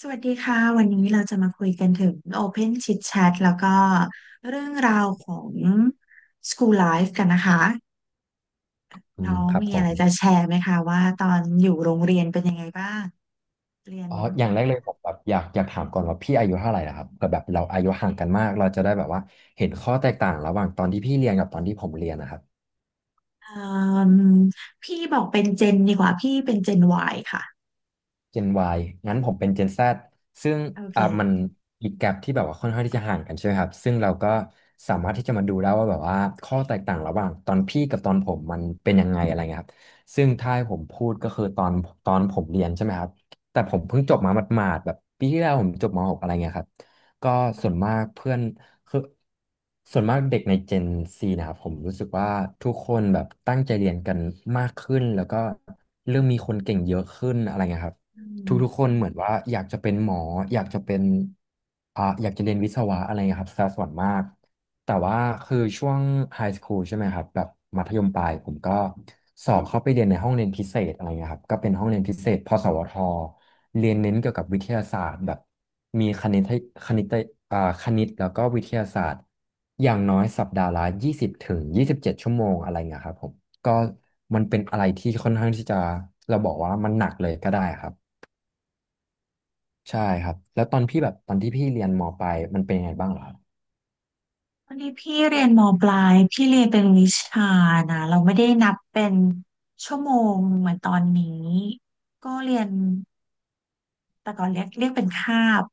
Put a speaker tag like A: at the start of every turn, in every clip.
A: สวัสดีค่ะวันนี้เราจะมาคุยกันถึง Open Chit Chat แล้วก็เรื่องราวของ School Life กันนะคะ
B: อื
A: น้อ
B: ม
A: ง
B: ครับ
A: มี
B: ผ
A: อะไร
B: ม
A: จะแชร์ไหมคะว่าตอนอยู่โรงเรียนเป็นยังไงบ้างเรียน
B: อ๋ออย่างแรกเลยผมแบบอยากถามก่อนว่าพี่อายุเท่าไหร่นะครับเผื่อแบบเราอายุห่างกันมากเราจะได้แบบว่าเห็นข้อแตกต่างระหว่างตอนที่พี่เรียนกับตอนที่ผมเรียนนะครับ
A: เอ่มพี่บอกเป็นเจนดีกว่าพี่เป็นเจน Y ค่ะ
B: Gen Y งั้นผมเป็น Gen Z ซึ่ง
A: โอ
B: มัน
A: เค
B: อีกแกปที่แบบว่าค่อนข้างที่จะห่างกันใช่ไหมครับซึ่งเราก็สามารถที่จะมาดูได้ว่าแบบว่าข้อแตกต่างระหว่างตอนพี่กับตอนผมมันเป็นยังไงอะไรเงี้ยครับซึ่งถ้าให้ผมพูดก็คือตอนผมเรียนใช่ไหมครับแต่ผมเพิ่งจบมาหมาดๆแบบปีที่แล้วผมจบมหกอะไรเงี้ยครับก็ส่วนมากเพื่อนคือส่วนมากเด็กใน Gen C นะครับผมรู้สึกว่าทุกคนแบบตั้งใจเรียนกันมากขึ้นแล้วก็เริ่มมีคนเก่งเยอะขึ้นอะไรเงี้ยครับ
A: อื
B: ทุกๆค
A: ม
B: นเหมือนว่าอยากจะเป็นหมออยากจะเป็นอยากจะเรียนวิศวะอะไรเงี้ยครับซะส่วนมากแต่ว่าคือช่วงไฮสคูลใช่ไหมครับแบบมัธยมปลายผมก็สอบเข้าไปเรียนในห้องเรียนพิเศษอะไรเงี้ยครับก็เป็นห้องเรียนพิเศษพสวทเรียนเน้นเกี่ยวกับวิทยาศาสตร์แบบมีคณิตให้คณิตคณิตแล้วก็วิทยาศาสตร์อย่างน้อยสัปดาห์ละ20 ถึง 27ชั่วโมงอะไรเงี้ยครับผมก็มันเป็นอะไรที่ค่อนข้างที่จะเราบอกว่ามันหนักเลยก็ได้ครับ ใช่ครับแล้วตอนพี่แบบตอนที่พี่เรียนมปลายมันเป็นยังไงบ้างเหรอครับ
A: วันนี้พี่เรียนมปลายพี่เรียนเป็นวิชานะเราไม่ได้นับเป็นชั่วโมงเหมือนตอนนี้ก็เรียน แต่ก่อนเรียกเป็นคาบ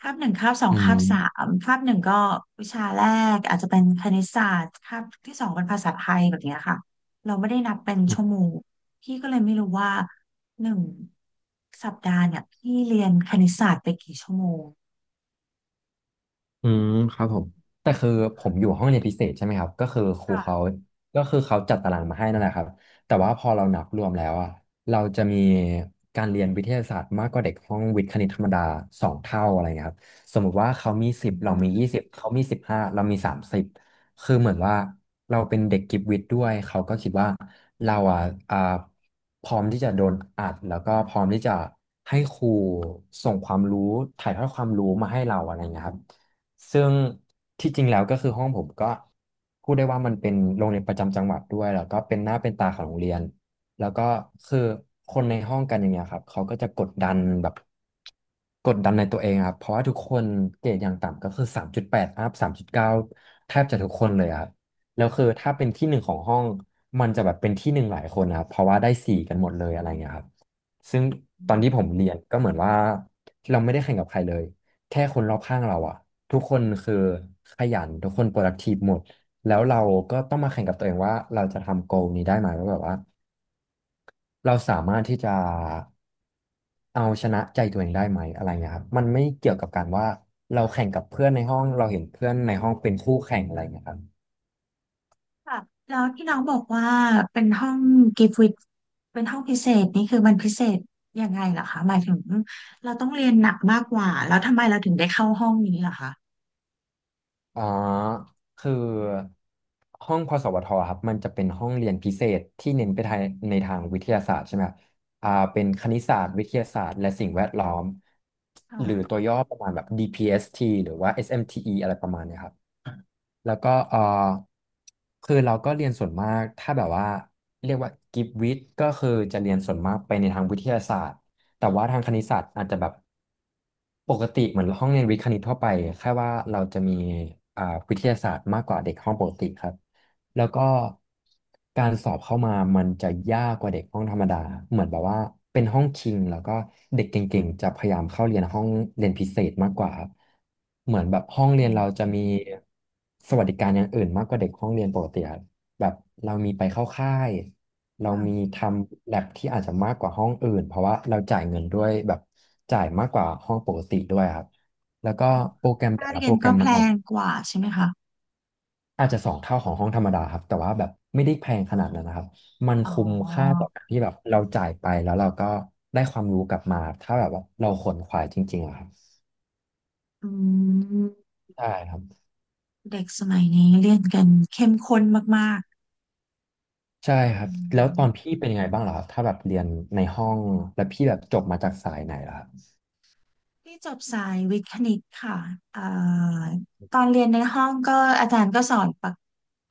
A: คาบหนึ่งคาบสอง
B: อื
A: คา
B: ม
A: บสามคาบหนึ่งก็วิชาแรกอาจจะเป็นคณิตศาสตร์คาบที่สองเป็นภาษาไทยแบบเนี้ยค่ะเราไม่ได้นับเป็น
B: อื
A: ชั่วโมงพี่ก็เลยไม่รู้ว่าหนึ่งสัปดาห์เนี่ยพี่เรียนคณิตศาสตร์ไปกี่ชั่วโมง
B: อืมครับผมแต่คือผมอยู่ห้องเรียนพิเศษใช่ไหมครับก็คือครูเขา
A: ค่ะ
B: ก็คือเขาจัดตารางมาให้นั่นแหละครับแต่ว่าพอเรานับรวมแล้วอะเราจะมีการเรียนวิทยาศาสตร์มากกว่าเด็กห้องวิทย์คณิตธรรมดาสองเท่าอะไรเงี้ยครับสมมุติว่าเขามีสิ
A: อื
B: บเรา
A: ม
B: มียี่สิบเขามีสิบห้าเรามีสามสิบคือเหมือนว่าเราเป็นเด็กกิฟต์วิทย์ด้วยเขาก็คิดว่าเราอะอ่าพร้อมที่จะโดนอัดแล้วก็พร้อมที่จะให้ครูส่งความรู้ถ่ายทอดความรู้มาให้เราอะไรเงี้ยครับ ซึ่งที่จริงแล้วก็คือห้องผมก็พูดได้ว่ามันเป็นโรงเรียนประจำจังหวัดด้วยแล้วก็เป็นหน้าเป็นตาของโรงเรียนแล้วก็คือคนในห้องกันอย่างเงี้ยครับเขาก็จะกดดันแบบกดดันในตัวเองอะครับเพราะว่าทุกคนเกรดอย่างต่ำก็คือ3.8อัพ3.9แทบจะทุกคนเลยอะครับแล้วคือถ้าเป็นที่หนึ่งของห้องมันจะแบบเป็นที่หนึ่งหลายคนนะครับเพราะว่าได้สี่กันหมดเลยอะไรเงี้ยครับซึ่งตอนที่ผมเรียนก็เหมือนว่าเราไม่ได้แข่งกับใครเลย แค่คนรอบข้างเราอะทุกคนคือขยันทุกคน productive หมดแล้วเราก็ต้องมาแข่งกับตัวเองว่าเราจะทำ goal นี้ได้ไหมว่าแบบว่าเราสามารถที่จะเอาชนะใจตัวเองได้ไหมอะไรเงี้ยครับมันไม่เกี่ยวกับการว่าเราแข่งกับเพื่อนในห้องเราเห็นเพื่อนในห้องเป็นคู่แข่งอะไรเงี้ยครับ
A: ค่ะแล้วที่น้องบอกว่าเป็นห้องกิฟต์วิดเป็นห้องพิเศษนี่คือมันพิเศษยังไงเหรอคะหมายถึงเราต้องเรียนหนักมากกว่าแล้วทำไมเราถึงได้เข้าห้องนี้ล่ะ
B: อ๋อคือห้องพสวทครับมันจะเป็นห้องเรียนพิเศษที่เน้นไปทางในทางวิทยาศาสตร์ใช่ไหมครับเป็นคณิตศาสตร์วิทยาศาสตร์และสิ่งแวดล้อม
A: ค่ะ
B: หรือตัวย่อประมาณแบบ DPST หรือว่า SMTE อสเอ็มทีอีอะไรประมาณเนี้ยครับ แล้วก็เออคือเราก็เรียนส่วนมากถ้าแบบว่าเรียกว่ากิฟวิทย์ก็คือจะเรียนส่วนมากไปในทางวิทยาศาสตร์แต่ว่าทางคณิตศาสตร์อาจจะแบบปกติเหมือนห้องเรียนวิทย์คณิตทั่วไปแค่ว่าเราจะมีอ่าวิทยาศาสตร์มากกว่าเด็กห้องปกติครับ แล้วก็การสอบเข้ามามันจะยากกว่าเด็กห้องธรรมดา เหมือนแบบว่าเป็นห้องคิงแล้วก็เด็กเก่งๆจะพยายามเข้าเรียนห้องเรียนพิเศษมากกว่าครับ เหมือนแบบห้อง
A: อ๋
B: เรียนเรา
A: อ
B: จะมีสวัสดิการอย่างอื่นมากกว่าเด็กห้องเรียนปกติครับแบบเรามีไปเข้าค่าย เรา
A: ค่ะ
B: มีทำแลบที่อาจจะมากกว่าห้องอื่นเพราะว่าเราจ่ายเงินด้วยแบบจ่ายมากกว่าห้องปกติด้วยครับแล้วก็
A: อ๋อ
B: โปรแกรมแต่
A: ค่า
B: ละ
A: เรี
B: โป
A: ยน
B: รแกร
A: ก็
B: ม
A: แพ
B: มันออก
A: งกว่าใช่ไหมคะ
B: อาจจะสองเท่าของห้องธรรมดาครับแต่ว่าแบบไม่ได้แพงขนาดนั้นนะครับมัน
A: อ๋อ
B: คุ้มค่าต่อการที่แบบเราจ่ายไปแล้วเราก็ได้ความรู้กลับมาถ้าแบบว่าเราขวนขวายจริงๆอะครับ
A: อืม
B: ใช่ครับ
A: เด็กสมัยนี้เรียนกันเข้มข้นมากๆ
B: ใช่
A: อื
B: ครับแล้ว
A: ม
B: ตอนพี่เป็นยังไงบ้างล่ะครับถ้าแบบเรียนในห้องแล้วพี่แบบจบมาจากสายไหนล่ะครับ
A: ที่จบสายวิทย์คณิตค่ะเอ่อตอนเรียนในห้องก็อาจารย์ก็สอน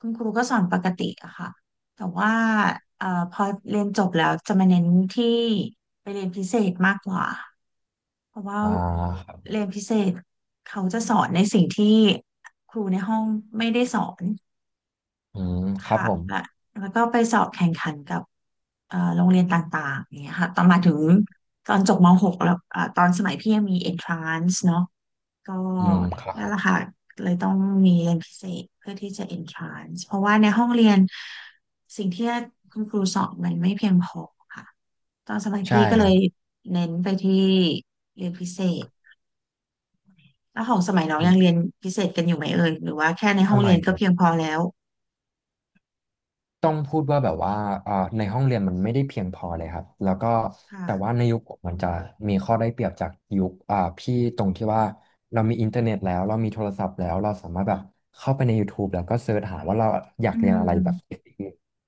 A: คุณครูก็สอนปกติอะค่ะแต่ว่าพอเรียนจบแล้วจะมาเน้นที่ไปเรียนพิเศษมากกว่าเพราะว่า
B: อ่าครับ
A: เรียนพิเศษเขาจะสอนในสิ่งที่ครูในห้องไม่ได้สอน
B: อืมครับ
A: ค่ะ
B: ผม
A: และแล้วก็สอบแข่งขันกับโรงเรียนต่างๆอย่างเงี้ยค่ะตอนมาถึงตอนจบมหกแล้วตอนสมัยพี่ยังมี entrance เนาะ ก็
B: อืมครับ
A: นั่
B: ผ
A: นแห
B: ม
A: ละค่ะเลยต้องมีเรียนพิเศษเพื่อที่จะ entrance เพราะว่าในห้องเรียนสิ่งที่คุณครูสอนมันไม่เพียงพอค่ะตอนสมัย
B: ใช่
A: พี่ก็
B: ค
A: เล
B: รั
A: ย
B: บ
A: เน้นไปที่เรียนพิเศษแล้วของสมัยน้องยังเรี
B: อืม
A: ยนพิเศษกันอยู่ไหมเอ่ยหรือว่าแค่ใน
B: ส
A: ห้องเรี
B: มั
A: ย
B: ย
A: น
B: ผ
A: ก็
B: ม
A: เพียงพอแล้ว
B: ต้องพูดว่าแบบว่าในห้องเรียนมันไม่ได้เพียงพอเลยครับแล้วก็แต่
A: ค่ะ
B: ว่าในยุคผมมันจะมีข้อได้เปรียบจากยุคพี่ตรงที่ว่าเรามีอินเทอร์เน็ตแล้วเรามีโทรศัพท์แล้วเราสามารถแบบเข้าไปใน YouTube แล้วก็เสิร์ชหาว่าเราอยา
A: อื
B: กเรียนอะไรแบบ
A: ม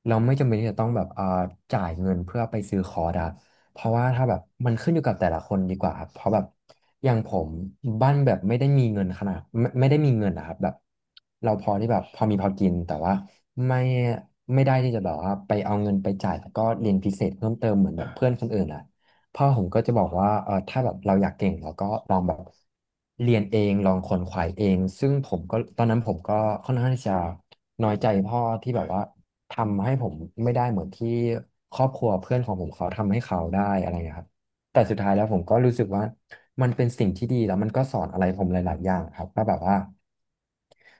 B: เราไม่จำเป็นที่จะต้องแบบจ่ายเงินเพื่อไปซื้อคอร์สอะเพราะว่าถ้าแบบมันขึ้นอยู่กับแต่ละคนดีกว่าครับเพราะแบบอย่างผมบ้านแบบไม่ได้มีเงินขนาดไม่ได้มีเงินนะครับแบบเราพอที่แบบพอมีพอกินแต่ว่า ไม่ไม่ได้ที่จะแบบว่าไปเอาเงินไปจ่ายแล้วก็เรียนพิเศษเพิ่มเติมเหมือนแบบเพื่อนคนอื่นอ่ะพ่อผมก็จะบอกว่าเออถ้าแบบเราอยากเก่งเราก็ลองแบบเรียนเองลองขวนขวายเองซึ่งผมก็ตอนนั้นผมก็ค่อนข้างที่จะน้อยใจพ่อที่แบบว่าทำให้ผมไม่ได้เหมือนที่ครอบครัวเพื่อนของผมเขาทำให้เขาได้อะไรอย่างเงี้ยครับแต่สุดท้ายแล้วผมก็รู้สึกว่ามันเป็นสิ่งที่ดีแล้วมันก็สอนอะไรผมหลายๆอย่างครับว่าแบบว่า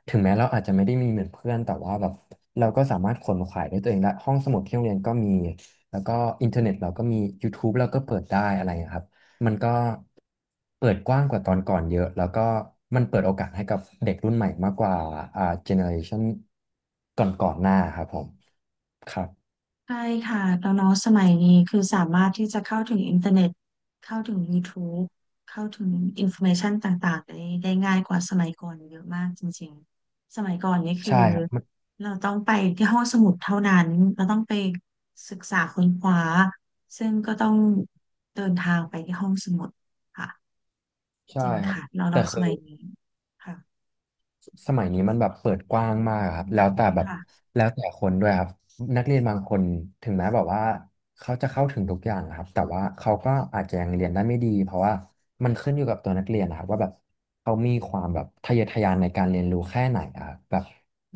B: ถึงแม้เราอาจจะไม่ได้มีเหมือนเพื่อนแต่ว่าแบบเราก็สามารถขวนขวายด้วยตัวเองและห้องสมุดที่โรงเรียนก็มีแล้วก็อินเทอร์เน็ตเราก็มี YouTube เราก็เปิดได้อะไรอย่างเงี้ยครับมันก็เปิดกว้างกว่าตอนก่อนเยอะแล้วก็มันเปิดโอกาสให้กับเด็กรุ่นใหม่มากกว่าเจเนอเรชันก่อนหน้าครับผมครับ
A: ใช่ค่ะแล้วเนาะสมัยนี้คือสามารถที่จะเข้าถึงอินเทอร์เน็ตเข้าถึงยูทูบเข้าถึงอินโฟเมชันต่างๆได้ได้ง่ายกว่าสมัยก่อนเยอะมากจริงๆสมัยก่อนนี่คือ
B: ใช่ครับมัน
A: เราต้องไปที่ห้องสมุดเท่านั้นเราต้องไปศึกษาค้นคว้าซึ่งก็ต้องเดินทางไปที่ห้องสมุดค่ะ
B: ใช่
A: จริง
B: ครับ
A: ค่ะเรา
B: แต่
A: เราส
B: คือ
A: มัยนี้ค่ะ
B: สมัยนี้มันแบบเปิดกว้างมากครับแล้วแต่แบบ
A: ค่ะ
B: แล้วแต่คนด้วยครับนักเรียนบางคนถึงแม้แบบว่าเขาจะเข้าถึงทุกอย่างนะครับแต่ว่าเขาก็อาจจะยังเรียนได้ไม่ดีเพราะว่ามันขึ้นอยู่กับตัวนักเรียนนะครับว่าแบบเขามีความแบบทะเยอทะยานในการเรียนรู้แค่ไหนอะครับแบบ
A: อ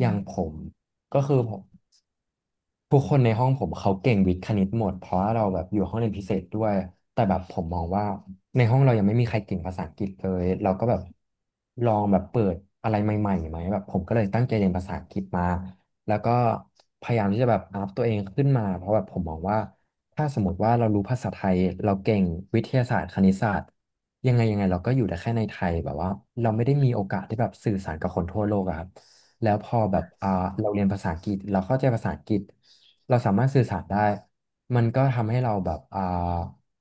B: อย่า
A: ื
B: ง
A: ม
B: ผมก็คือผม ทุกคนในห้องผมเขาเก่งวิทย์คณิตหมดเพราะว่าเราแบบอยู่ห้องเรียนพิเศษด้วยแต่แบบผมมองว่าในห้องเรายังไม่มีใครเก่งภาษาอังกฤษเลยเราก็แบบลองแบบเปิดอะไรใหม่ๆไหมแบบผมก็เลยตั้งใจเรียนภาษาอังกฤษมาแล้วก็พยายามที่จะแบบอัพตัวเองขึ้นมาเพราะแบบผมมองว่าถ้าสมมติว่าเรารู้ภาษาไทยเราเก่งวิทยาศาสตร์คณิตศาสตร์ยังไงยังไงเราก็อยู่ได้แค่ในไทยแบบว่าเราไม่ได้มีโอกาสที่แบบสื่อสารกับคนทั่วโลกอะครับ แล้วพอแบบเราเรียนภาษาอังกฤษเราเข้าใจภาษาอังกฤษเราสามารถสื่อสารได้มันก็ทำให้เราแบบ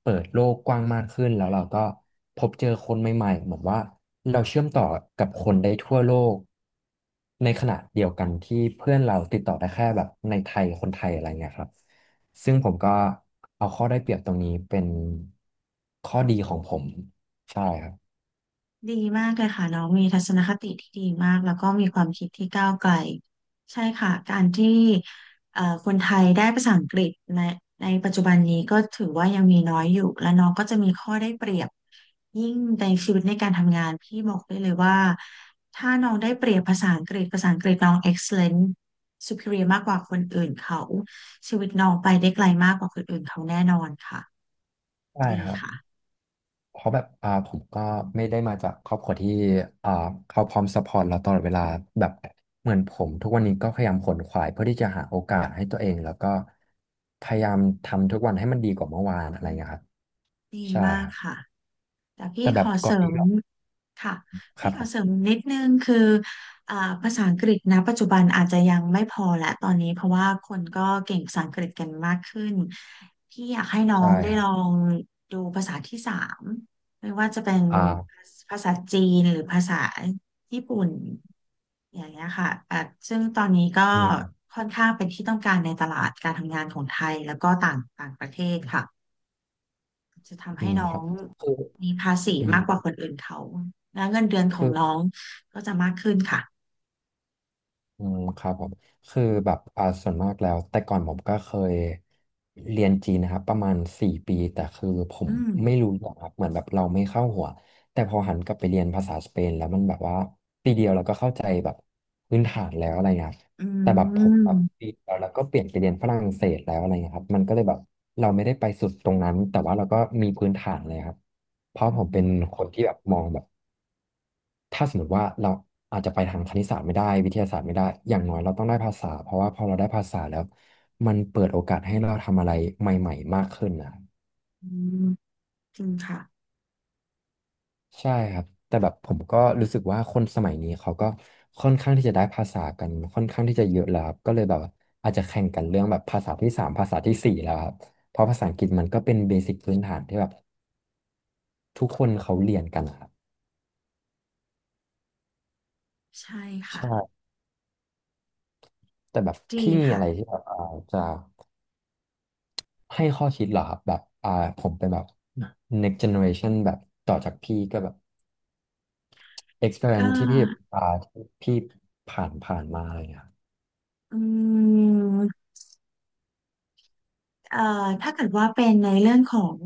B: เปิดโลกกว้างมากขึ้นแล้วเราก็พบเจอคนใหม่ๆเหมือนว่าเราเชื่อมต่อกับคนได้ทั่วโลกในขณะเดียวกันที่เพื่อนเราติดต่อได้แค่แบบในไทยคนไทยอะไรเงี้ยครับซึ่งผมก็เอาข้อได้เปรียบตรงนี้เป็นข้อดีของผมใช่ครับ
A: ดีมากเลยค่ะน้องมีทัศนคติที่ดีมากแล้วก็มีความคิดที่ก้าวไกลใช่ค่ะการที่คนไทยได้ภาษาอังกฤษในปัจจุบันนี้ก็ถือว่ายังมีน้อยอยู่และน้องก็จะมีข้อได้เปรียบยิ่งในชีวิตในการทำงานพี่บอกได้เลยว่าถ้าน้องได้เปรียบภาษาอังกฤษภาษาอังกฤษน้อง excellent superior มากกว่าคนอื่นเขาชีวิตน้องไปได้ไกลมากกว่าคนอื่นเขาแน่นอนค่ะ
B: ใช่
A: ดี
B: ครับ
A: ค่ะ
B: เพราะแบบผมก็ไม่ได้มาจากครอบครัวที่อ่าเขาพร้อมซัพพอร์ตเราตลอดเวลาแบบเหมือนผมทุกวันนี้ก็พยายามขวนขวายเพื่อที่จะหาโอกาสให้ตัวเองแล้วก็พยายามทำทุกวันให้มันดีกว่าเมื่อวานอะไรอย่างเงี้ยครับ
A: ดี
B: ใช่
A: มา
B: ค
A: ก
B: รับ
A: ค่ะ แต่พี่
B: แต่แบ
A: ข
B: บ
A: อ
B: ก่
A: เส
B: อน
A: ริ
B: ที่
A: ม
B: เรา
A: ค่ะ
B: ค
A: พี่
B: รับ
A: ข
B: ผ
A: อเสริ
B: ม
A: มนิดนึงคืออ่าภาษาอังกฤษนะปัจจุบันอาจจะยังไม่พอแหละตอนนี้เพราะว่าคนก็เก่งภาษาอังกฤษกันมากขึ้นพี่อยากให้น้อ
B: ใช่
A: งได้
B: ครั
A: ล
B: บ
A: องดูภาษาที่สามไม่ว่าจะเป็น
B: อ่า
A: ภาษาจีนหรือภาษาญี่ปุ่นอย่างเงี้ยค่ะอ่ะซึ่งตอนนี้ก็
B: อืม
A: ค่อนข้างเป็นที่ต้องการในตลาดการทำงานของไทยแล้วก็ต่างต่างประเทศค่ะ จะทำ
B: อื
A: ให้
B: ม
A: น้อ
B: ครับ
A: ง
B: คือ
A: มีภาษี
B: อืม
A: มากกว่าคนอื่นเขาแล้เงินเดือนขอ
B: คื
A: ง
B: อ
A: น้องก็จะมากขึ้นค่ะ
B: อืมครับผมคือแบบส่วนมากแล้วแต่ก่อนผมก็เคยเรียนจีนนะครับประมาณสี่ปีแต่คือผ
A: อื
B: ม
A: ม
B: ไม่รู้หรอกครับเหมือนแบบเราไม่เข้าหัวแต่พอหันกลับไปเรียนภาษาสเปนแล้วมันแบบว่าปีเดียวเราก็เข้าใจแบบพื้นฐานแล้วอะไรเงี้ยครับ
A: อื
B: แต่แบบผมแบบ
A: ม
B: ปีเดียวแล้วก็เปลี่ยนไปเรียนฝรั่งเศสแล้วอะไรเงี้ยครับมันก็เลยแบบเราไม่ได้ไปสุดตรงนั้นแต่ว่าเราก็มีพื้นฐานเลยครับเพราะ
A: อื
B: ผมเป็น
A: ม
B: คนที่แบบมองแบบ ถ้าสมมติว่าเราอาจจะไปทางคณิตศาสตร์ไม่ได้วิทยาศาสตร์ไม่ได้อย่างน้อยเราต้องได้ภาษา เพราะว่าพอเราได้ภาษาแล้วมันเปิดโอกาสให้เราทำอะไรใหม่ๆมากขึ้นนะ
A: อืมจริงค่ะ
B: ใช่ครับแต่แบบผมก็รู้สึกว่าคนสมัยนี้เขาก็ค่อนข้างที่จะได้ภาษากันค่อนข้างที่จะเยอะแล้วครับก็เลยแบบว่าอาจจะแข่งกันเรื่องแบบภาษาที่สามภาษาที่สี่แล้วครับเพราะภาษาอังกฤษมันก็เป็นเบสิกพื้นฐานที่แบบทุกคนเขาเรียนกันนะครับ
A: ใช่ค่ะ
B: ใช่แต่แบบ
A: ดี
B: พี่มี
A: ค่ะ
B: อะไรที่แบบจะ ให้ข้อคิดเหรอครับแบบผมเป็นแบบ next generation แบบต่อจากพี่ก็แบบ
A: ก็
B: experience ที่พี่อ่าที่พี่ผ่านมาอะไรเงี้ยครับ
A: อืม เอ่อถ้าเกิดว่าเป็นในเรื่องของ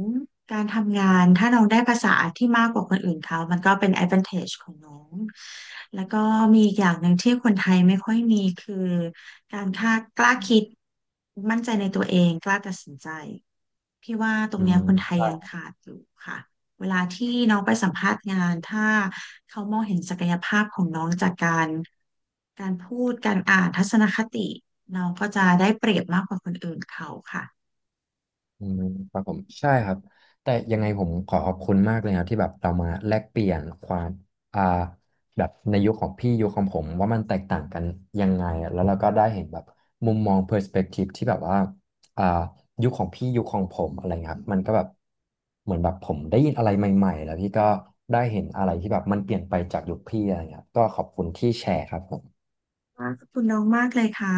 A: การทำงานถ้าน้องได้ภาษาที่มากกว่าคนอื่นเขามันก็เป็น advantage ของน้อง แล้วก็มีอีกอย่างหนึ่งที่คนไทยไม่ค่อยมีคือการค่ากล้าคิด มั่นใจในตัวเองกล้าตัดสินใจพี่ว่าตรง
B: อื
A: เนี้ยคนไทยยัง
B: ม
A: ขาดอยู่ค่ะเวลาที่น้องไปสัมภาษณ์งานถ้าเขามองเห็นศักยภาพของน้องจากการพูดการอ่านทัศนคติน้องก็จะได้เปรียบมากกว่าคนอื่นเขาค่ะ
B: อืมครับผมใช่ครับแต่ยังไงผมขอขอบคุณมากเลยครับที่แบบเรามาแลกเปลี่ยนความอ่าแบบในยุคของพี่ยุคของผมว่ามันแตกต่างกันยังไงอะแล้วเราก็ได้เห็นแบบมุมมองเพอร์สเปกทีฟที่แบบว่าอ่ายุคของพี่ยุคของผมอะไรเงี้ยครับมันก็แบบเหมือนแบบผมได้ยินอะไรใหม่ๆแล้วพี่ก็ได้เห็นอะไรที่แบบมันเปลี่ยนไปจากยุคพี่อะไรเงี้ยครับก็ขอบคุณที่แชร์ครับผม
A: ค่ะขอบคุณน้องมากเลยค่ะ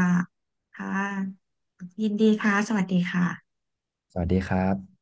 A: ค่ะ ยินดีค่ะ สวัสดีค่ะ
B: สวัสดีครับ